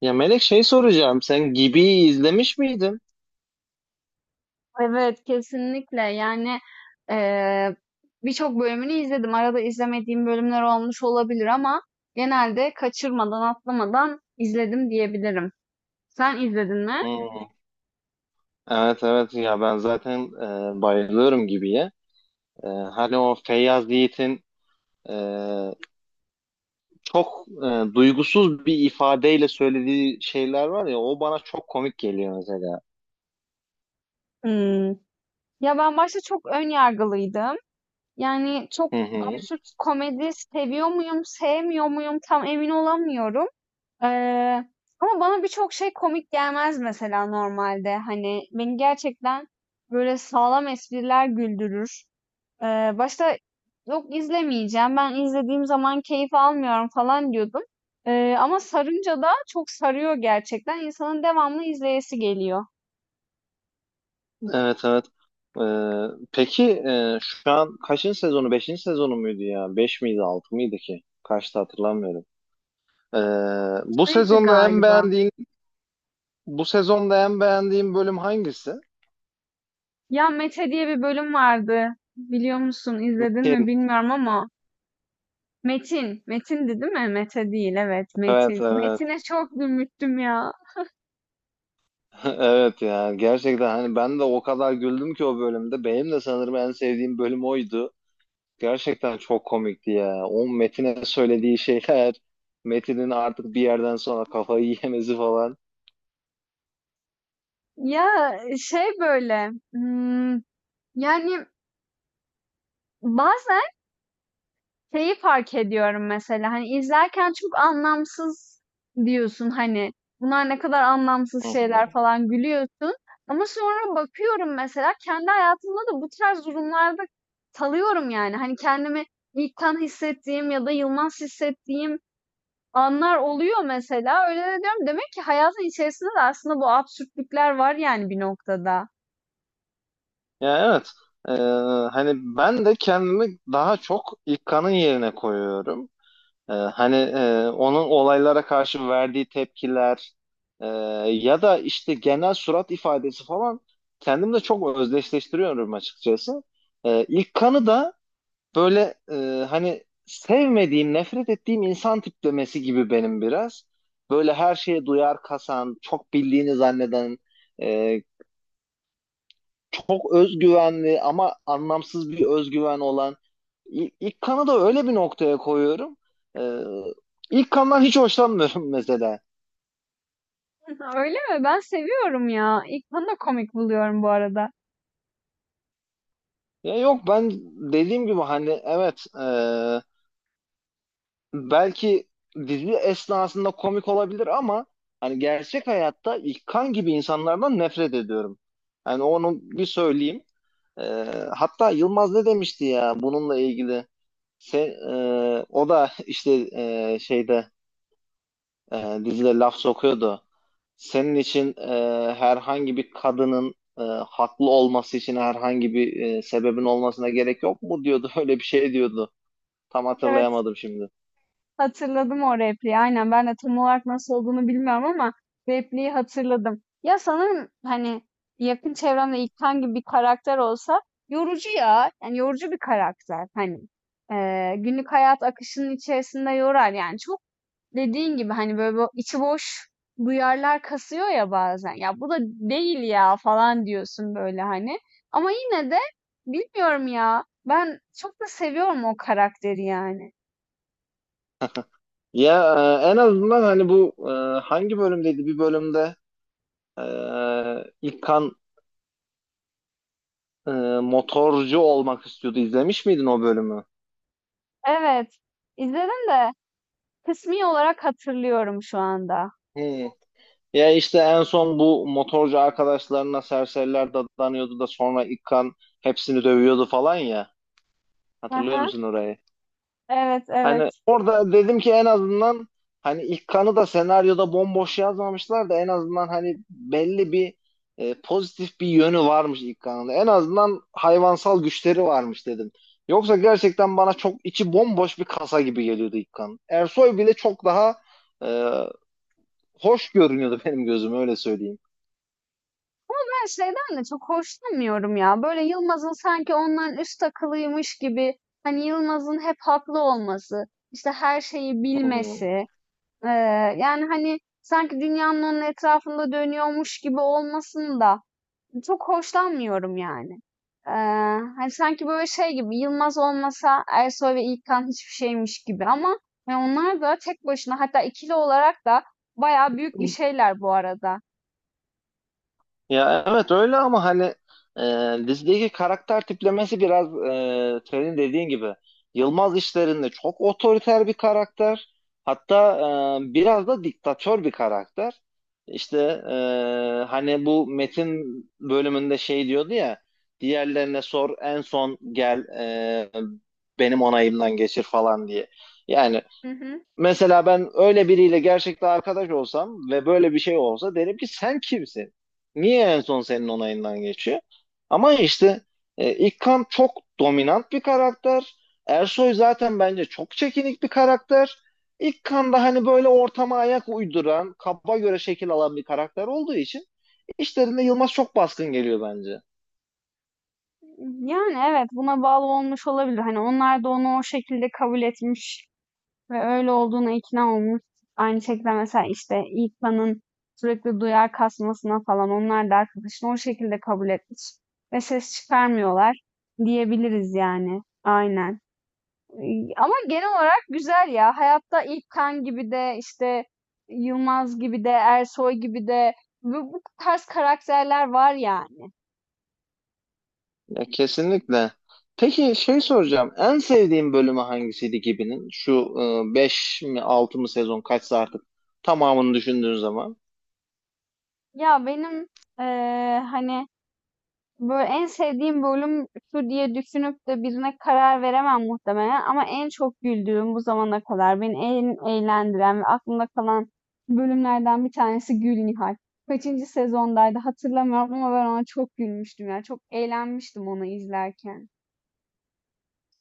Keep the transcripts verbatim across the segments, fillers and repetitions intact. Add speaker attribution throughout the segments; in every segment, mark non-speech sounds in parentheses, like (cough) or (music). Speaker 1: Ya Melek şey soracağım. Sen Gibi'yi izlemiş miydin?
Speaker 2: Evet, kesinlikle. Yani, eee, Birçok bölümünü izledim. Arada izlemediğim bölümler olmuş olabilir ama genelde kaçırmadan, atlamadan izledim diyebilirim. Sen izledin mi?
Speaker 1: Hmm. Evet, evet, ya ben zaten e, bayılıyorum Gibi'ye. E, hani o Feyyaz Yiğit'in e, çok e, duygusuz bir ifadeyle söylediği şeyler var ya, o bana çok komik geliyor mesela.
Speaker 2: Hımm. Ya, ben başta çok ön yargılıydım. Yani, çok
Speaker 1: Hı hı.
Speaker 2: absürt komedi seviyor muyum, sevmiyor muyum tam emin olamıyorum. Eee, Ama bana birçok şey komik gelmez mesela normalde. Hani, beni gerçekten böyle sağlam espriler güldürür. Eee, başta "Yok, izlemeyeceğim, ben izlediğim zaman keyif almıyorum." falan diyordum. Eee, ama sarınca da çok sarıyor gerçekten. İnsanın devamlı izleyesi geliyor.
Speaker 1: Evet, evet. E, peki e, şu an kaçıncı sezonu? Beşinci sezonu muydu ya? Beş miydi altı mıydı ki? Kaçtı hatırlamıyorum. E, Bu
Speaker 2: Neydi
Speaker 1: sezonda en
Speaker 2: galiba,
Speaker 1: beğendiğin bu sezonda en beğendiğin bölüm hangisi?
Speaker 2: ya Mete diye bir bölüm vardı. Biliyor musun, izledin mi
Speaker 1: Kim?
Speaker 2: bilmiyorum ama Metin, Metin'di değil mi? Mete değil, evet,
Speaker 1: Evet,
Speaker 2: Metin.
Speaker 1: evet.
Speaker 2: Metin'e çok gülmüştüm ya.
Speaker 1: (laughs) Evet ya, gerçekten hani ben de o kadar güldüm ki o bölümde. Benim de sanırım en sevdiğim bölüm oydu. Gerçekten çok komikti ya. O Metin'e söylediği şeyler, Metin'in artık bir yerden sonra kafayı (laughs) yemesi falan.
Speaker 2: Ya, şey, böyle, ımm, yani, bazen şeyi fark ediyorum mesela, hani, izlerken çok anlamsız diyorsun, hani, bunlar ne kadar anlamsız
Speaker 1: Hı hı.
Speaker 2: şeyler falan gülüyorsun ama sonra bakıyorum mesela kendi hayatımda da bu tarz durumlarda kalıyorum, yani. Hani, kendimi ilkten hissettiğim ya da yılmaz hissettiğim anlar oluyor mesela. Öyle de diyorum, demek ki hayatın içerisinde de aslında bu absürtlükler var, yani, bir noktada.
Speaker 1: Ya, evet. Ee, Hani ben de kendimi daha çok İlkan'ın yerine koyuyorum. Ee, hani e, onun olaylara karşı verdiği tepkiler e, ya da işte genel surat ifadesi falan kendimle çok özdeşleştiriyorum açıkçası. Ee, ilk kanı da böyle e, hani sevmediğim, nefret ettiğim insan tiplemesi gibi benim biraz. Böyle her şeye duyar kasan, çok bildiğini zanneden, e, çok özgüvenli ama anlamsız bir özgüven olan İ- ilk kanı da öyle bir noktaya koyuyorum. Ee, ilk kandan hiç hoşlanmıyorum (laughs) mesela.
Speaker 2: Öyle mi? Ben seviyorum ya. İlknur'u da komik buluyorum bu arada.
Speaker 1: Ya yok, ben dediğim gibi hani evet, e, belki dizi esnasında komik olabilir ama hani gerçek hayatta ilk kan gibi insanlardan nefret ediyorum. Yani onu bir söyleyeyim. Ee, Hatta Yılmaz ne demişti ya bununla ilgili? Se- e, O da işte e, şeyde e, dizide laf sokuyordu. Senin için e, herhangi bir kadının e, haklı olması için herhangi bir e, sebebin olmasına gerek yok mu diyordu. (laughs) Öyle bir şey diyordu. Tam
Speaker 2: Evet,
Speaker 1: hatırlayamadım şimdi.
Speaker 2: hatırladım o repliği. Aynen ben de tam olarak nasıl olduğunu bilmiyorum ama repliği hatırladım. Ya sanırım hani yakın çevremde İlkan gibi bir karakter olsa yorucu ya. Yani yorucu bir karakter. Hani eee, günlük hayat akışının içerisinde yorar yani. Çok dediğin gibi hani böyle bu içi boş duyarlar kasıyor ya bazen. Ya bu da değil ya falan diyorsun böyle hani. Ama yine de bilmiyorum ya. Ben çok da seviyorum o karakteri yani.
Speaker 1: (laughs) Ya e, en azından hani bu e, hangi bölümdeydi? Bir bölümde e, İlkan e, motorcu olmak istiyordu. İzlemiş miydin o bölümü?
Speaker 2: Evet, izledim de kısmi olarak hatırlıyorum şu anda.
Speaker 1: Hmm. Ya işte en son bu motorcu arkadaşlarına serseriler dadanıyordu da sonra İlkan hepsini dövüyordu falan ya.
Speaker 2: Hı
Speaker 1: Hatırlıyor
Speaker 2: hı.
Speaker 1: musun orayı?
Speaker 2: Evet,
Speaker 1: Hani
Speaker 2: evet.
Speaker 1: orada dedim ki en azından hani ilk kanı da senaryoda bomboş yazmamışlar da en azından hani belli bir e, pozitif bir yönü varmış ilk kanında. En azından hayvansal güçleri varmış dedim. Yoksa gerçekten bana çok içi bomboş bir kasa gibi geliyordu ilk kan. Ersoy bile çok daha e, hoş görünüyordu benim gözüme, öyle söyleyeyim.
Speaker 2: Ben şeyden de çok hoşlanmıyorum ya. Böyle Yılmaz'ın sanki ondan üst akıllıymış gibi hani Yılmaz'ın hep haklı olması, işte her şeyi
Speaker 1: Hı hı.
Speaker 2: bilmesi, Eee, yani, hani, sanki dünyanın onun etrafında dönüyormuş gibi olmasını da çok hoşlanmıyorum yani. Eee, Hani, sanki böyle şey gibi, Yılmaz olmasa Ersoy ve İlkan hiçbir şeymiş gibi ama, hani, onlar da tek başına hatta ikili olarak da bayağı büyük bir şeyler bu arada.
Speaker 1: Ya evet, öyle ama hani e, dizideki karakter tiplemesi biraz e, senin dediğin gibi Yılmaz işlerinde çok otoriter bir karakter. Hatta e, biraz da diktatör bir karakter. İşte e, hani bu Metin bölümünde şey diyordu ya, diğerlerine sor en son gel e, benim onayımdan geçir falan diye. Yani
Speaker 2: Hı hı.
Speaker 1: mesela ben öyle biriyle gerçekten arkadaş olsam ve böyle bir şey olsa derim ki sen kimsin? Niye en son senin onayından geçiyor? Ama işte e, İlkan çok dominant bir karakter. Ersoy zaten bence çok çekinik bir karakter. İlkan da hani böyle ortama ayak uyduran, kaba göre şekil alan bir karakter olduğu için işlerinde Yılmaz çok baskın geliyor bence.
Speaker 2: Yani, evet, buna bağlı olmuş olabilir. Hani, onlar da onu o şekilde kabul etmiş. Ve öyle olduğuna ikna olmuş. Aynı şekilde mesela işte İlkan'ın sürekli duyar kasmasına falan onlar da arkadaşını o şekilde kabul etmiş. Ve ses çıkarmıyorlar diyebiliriz yani. Aynen. Ee, Ama genel olarak güzel ya. Hayatta İlkan gibi de işte Yılmaz gibi de Ersoy gibi de bu, bu tarz karakterler var yani.
Speaker 1: Ya kesinlikle. Peki şey soracağım. En sevdiğin bölümü hangisiydi gibinin? Şu e, beş mi altı mı sezon kaçsa artık tamamını düşündüğün zaman.
Speaker 2: Ya benim eee, hani böyle en sevdiğim bölüm şu diye düşünüp de birine karar veremem muhtemelen ama en çok güldüğüm, bu zamana kadar beni en eğlendiren ve aklımda kalan bölümlerden bir tanesi Gül Nihal. Kaçıncı sezondaydı hatırlamıyorum ama ben ona çok gülmüştüm ya. Çok eğlenmiştim onu izlerken.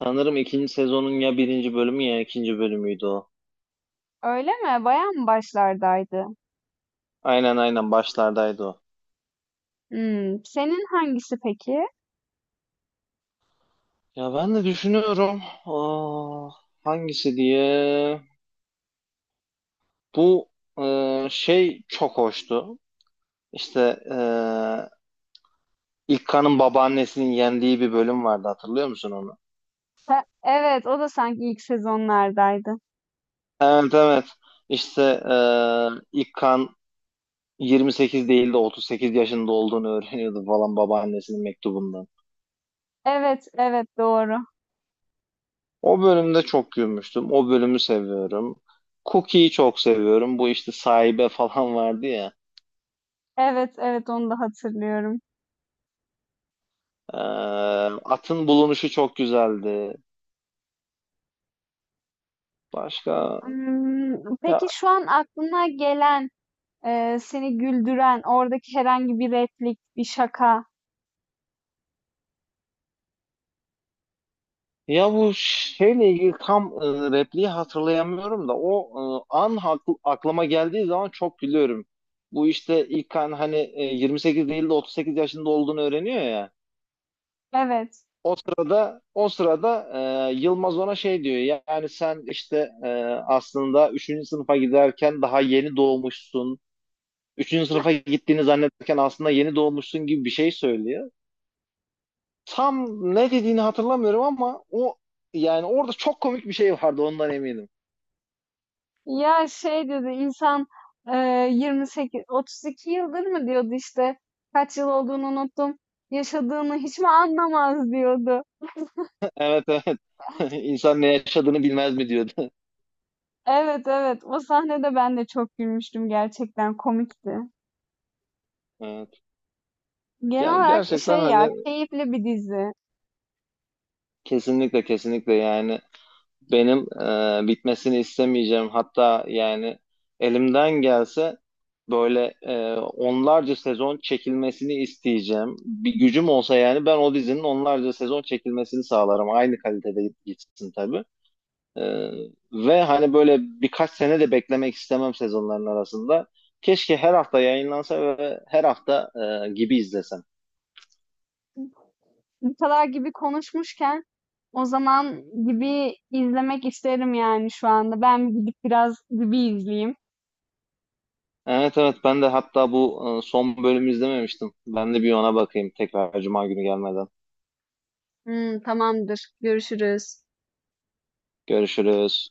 Speaker 1: Sanırım ikinci sezonun ya birinci bölümü ya ikinci bölümüydü o.
Speaker 2: Öyle mi? Bayağı mı başlardaydı?
Speaker 1: Aynen, aynen başlardaydı o.
Speaker 2: Hmm, senin hangisi peki?
Speaker 1: Ya ben de düşünüyorum. Aa, hangisi diye. Bu e, şey çok hoştu. İşte e, İlkan'ın babaannesinin yendiği bir bölüm vardı, hatırlıyor musun onu?
Speaker 2: Ha, evet, o da sanki ilk sezonlardaydı.
Speaker 1: Evet, evet. İşte e, ilk kan yirmi sekiz değil de otuz sekiz yaşında olduğunu öğreniyordu falan babaannesinin mektubundan.
Speaker 2: Evet, evet doğru.
Speaker 1: O bölümde çok gülmüştüm. O bölümü seviyorum. Cookie'yi çok seviyorum. Bu işte sahibe falan vardı ya.
Speaker 2: Evet, evet onu da hatırlıyorum.
Speaker 1: E, Atın bulunuşu çok güzeldi. Başka
Speaker 2: Imm,
Speaker 1: ya.
Speaker 2: peki şu an aklına gelen, eee, seni güldüren, oradaki herhangi bir replik, bir şaka?
Speaker 1: Ya bu şeyle ilgili tam e, repliği hatırlayamıyorum da o e, an haklı- aklıma geldiği zaman çok gülüyorum. Bu işte ilk an hani e, yirmi sekiz değil de otuz sekiz yaşında olduğunu öğreniyor ya.
Speaker 2: Evet.
Speaker 1: O sırada, o sırada e, Yılmaz ona şey diyor. Yani sen işte e, aslında üçüncü sınıfa giderken daha yeni doğmuşsun. Üçüncü sınıfa gittiğini zannederken aslında yeni doğmuşsun gibi bir şey söylüyor. Tam ne dediğini hatırlamıyorum ama o, yani orada çok komik bir şey vardı ondan eminim.
Speaker 2: Ya, şey dedi, insan, eee, yirmi sekiz otuz iki yıldır mı diyordu işte, kaç yıl olduğunu unuttum, yaşadığını hiç mi anlamaz diyordu.
Speaker 1: Evet, evet. (laughs) İnsan ne yaşadığını bilmez mi diyordu. (laughs)
Speaker 2: Evet, evet. O sahnede ben de çok gülmüştüm, gerçekten komikti.
Speaker 1: Evet.
Speaker 2: Genel
Speaker 1: Yani
Speaker 2: olarak
Speaker 1: gerçekten
Speaker 2: şey
Speaker 1: hani
Speaker 2: ya, keyifli bir dizi.
Speaker 1: kesinlikle, kesinlikle yani benim e, bitmesini istemeyeceğim. Hatta yani elimden gelse böyle e, onlarca sezon çekilmesini isteyeceğim. Bir gücüm olsa yani ben o dizinin onlarca sezon çekilmesini sağlarım. Aynı kalitede gitsin tabii. Ee, Ve hani böyle birkaç sene de beklemek istemem sezonların arasında. Keşke her hafta yayınlansa ve her hafta e, gibi izlesem.
Speaker 2: Bu kadar gibi konuşmuşken o zaman gibi izlemek isterim yani şu anda. Ben gidip biraz gibi izleyeyim.
Speaker 1: Evet, evet, ben de hatta bu e, son bölümü izlememiştim. Ben de bir ona bakayım tekrar Cuma günü gelmeden.
Speaker 2: Hmm, tamamdır. Görüşürüz.
Speaker 1: Görüşürüz.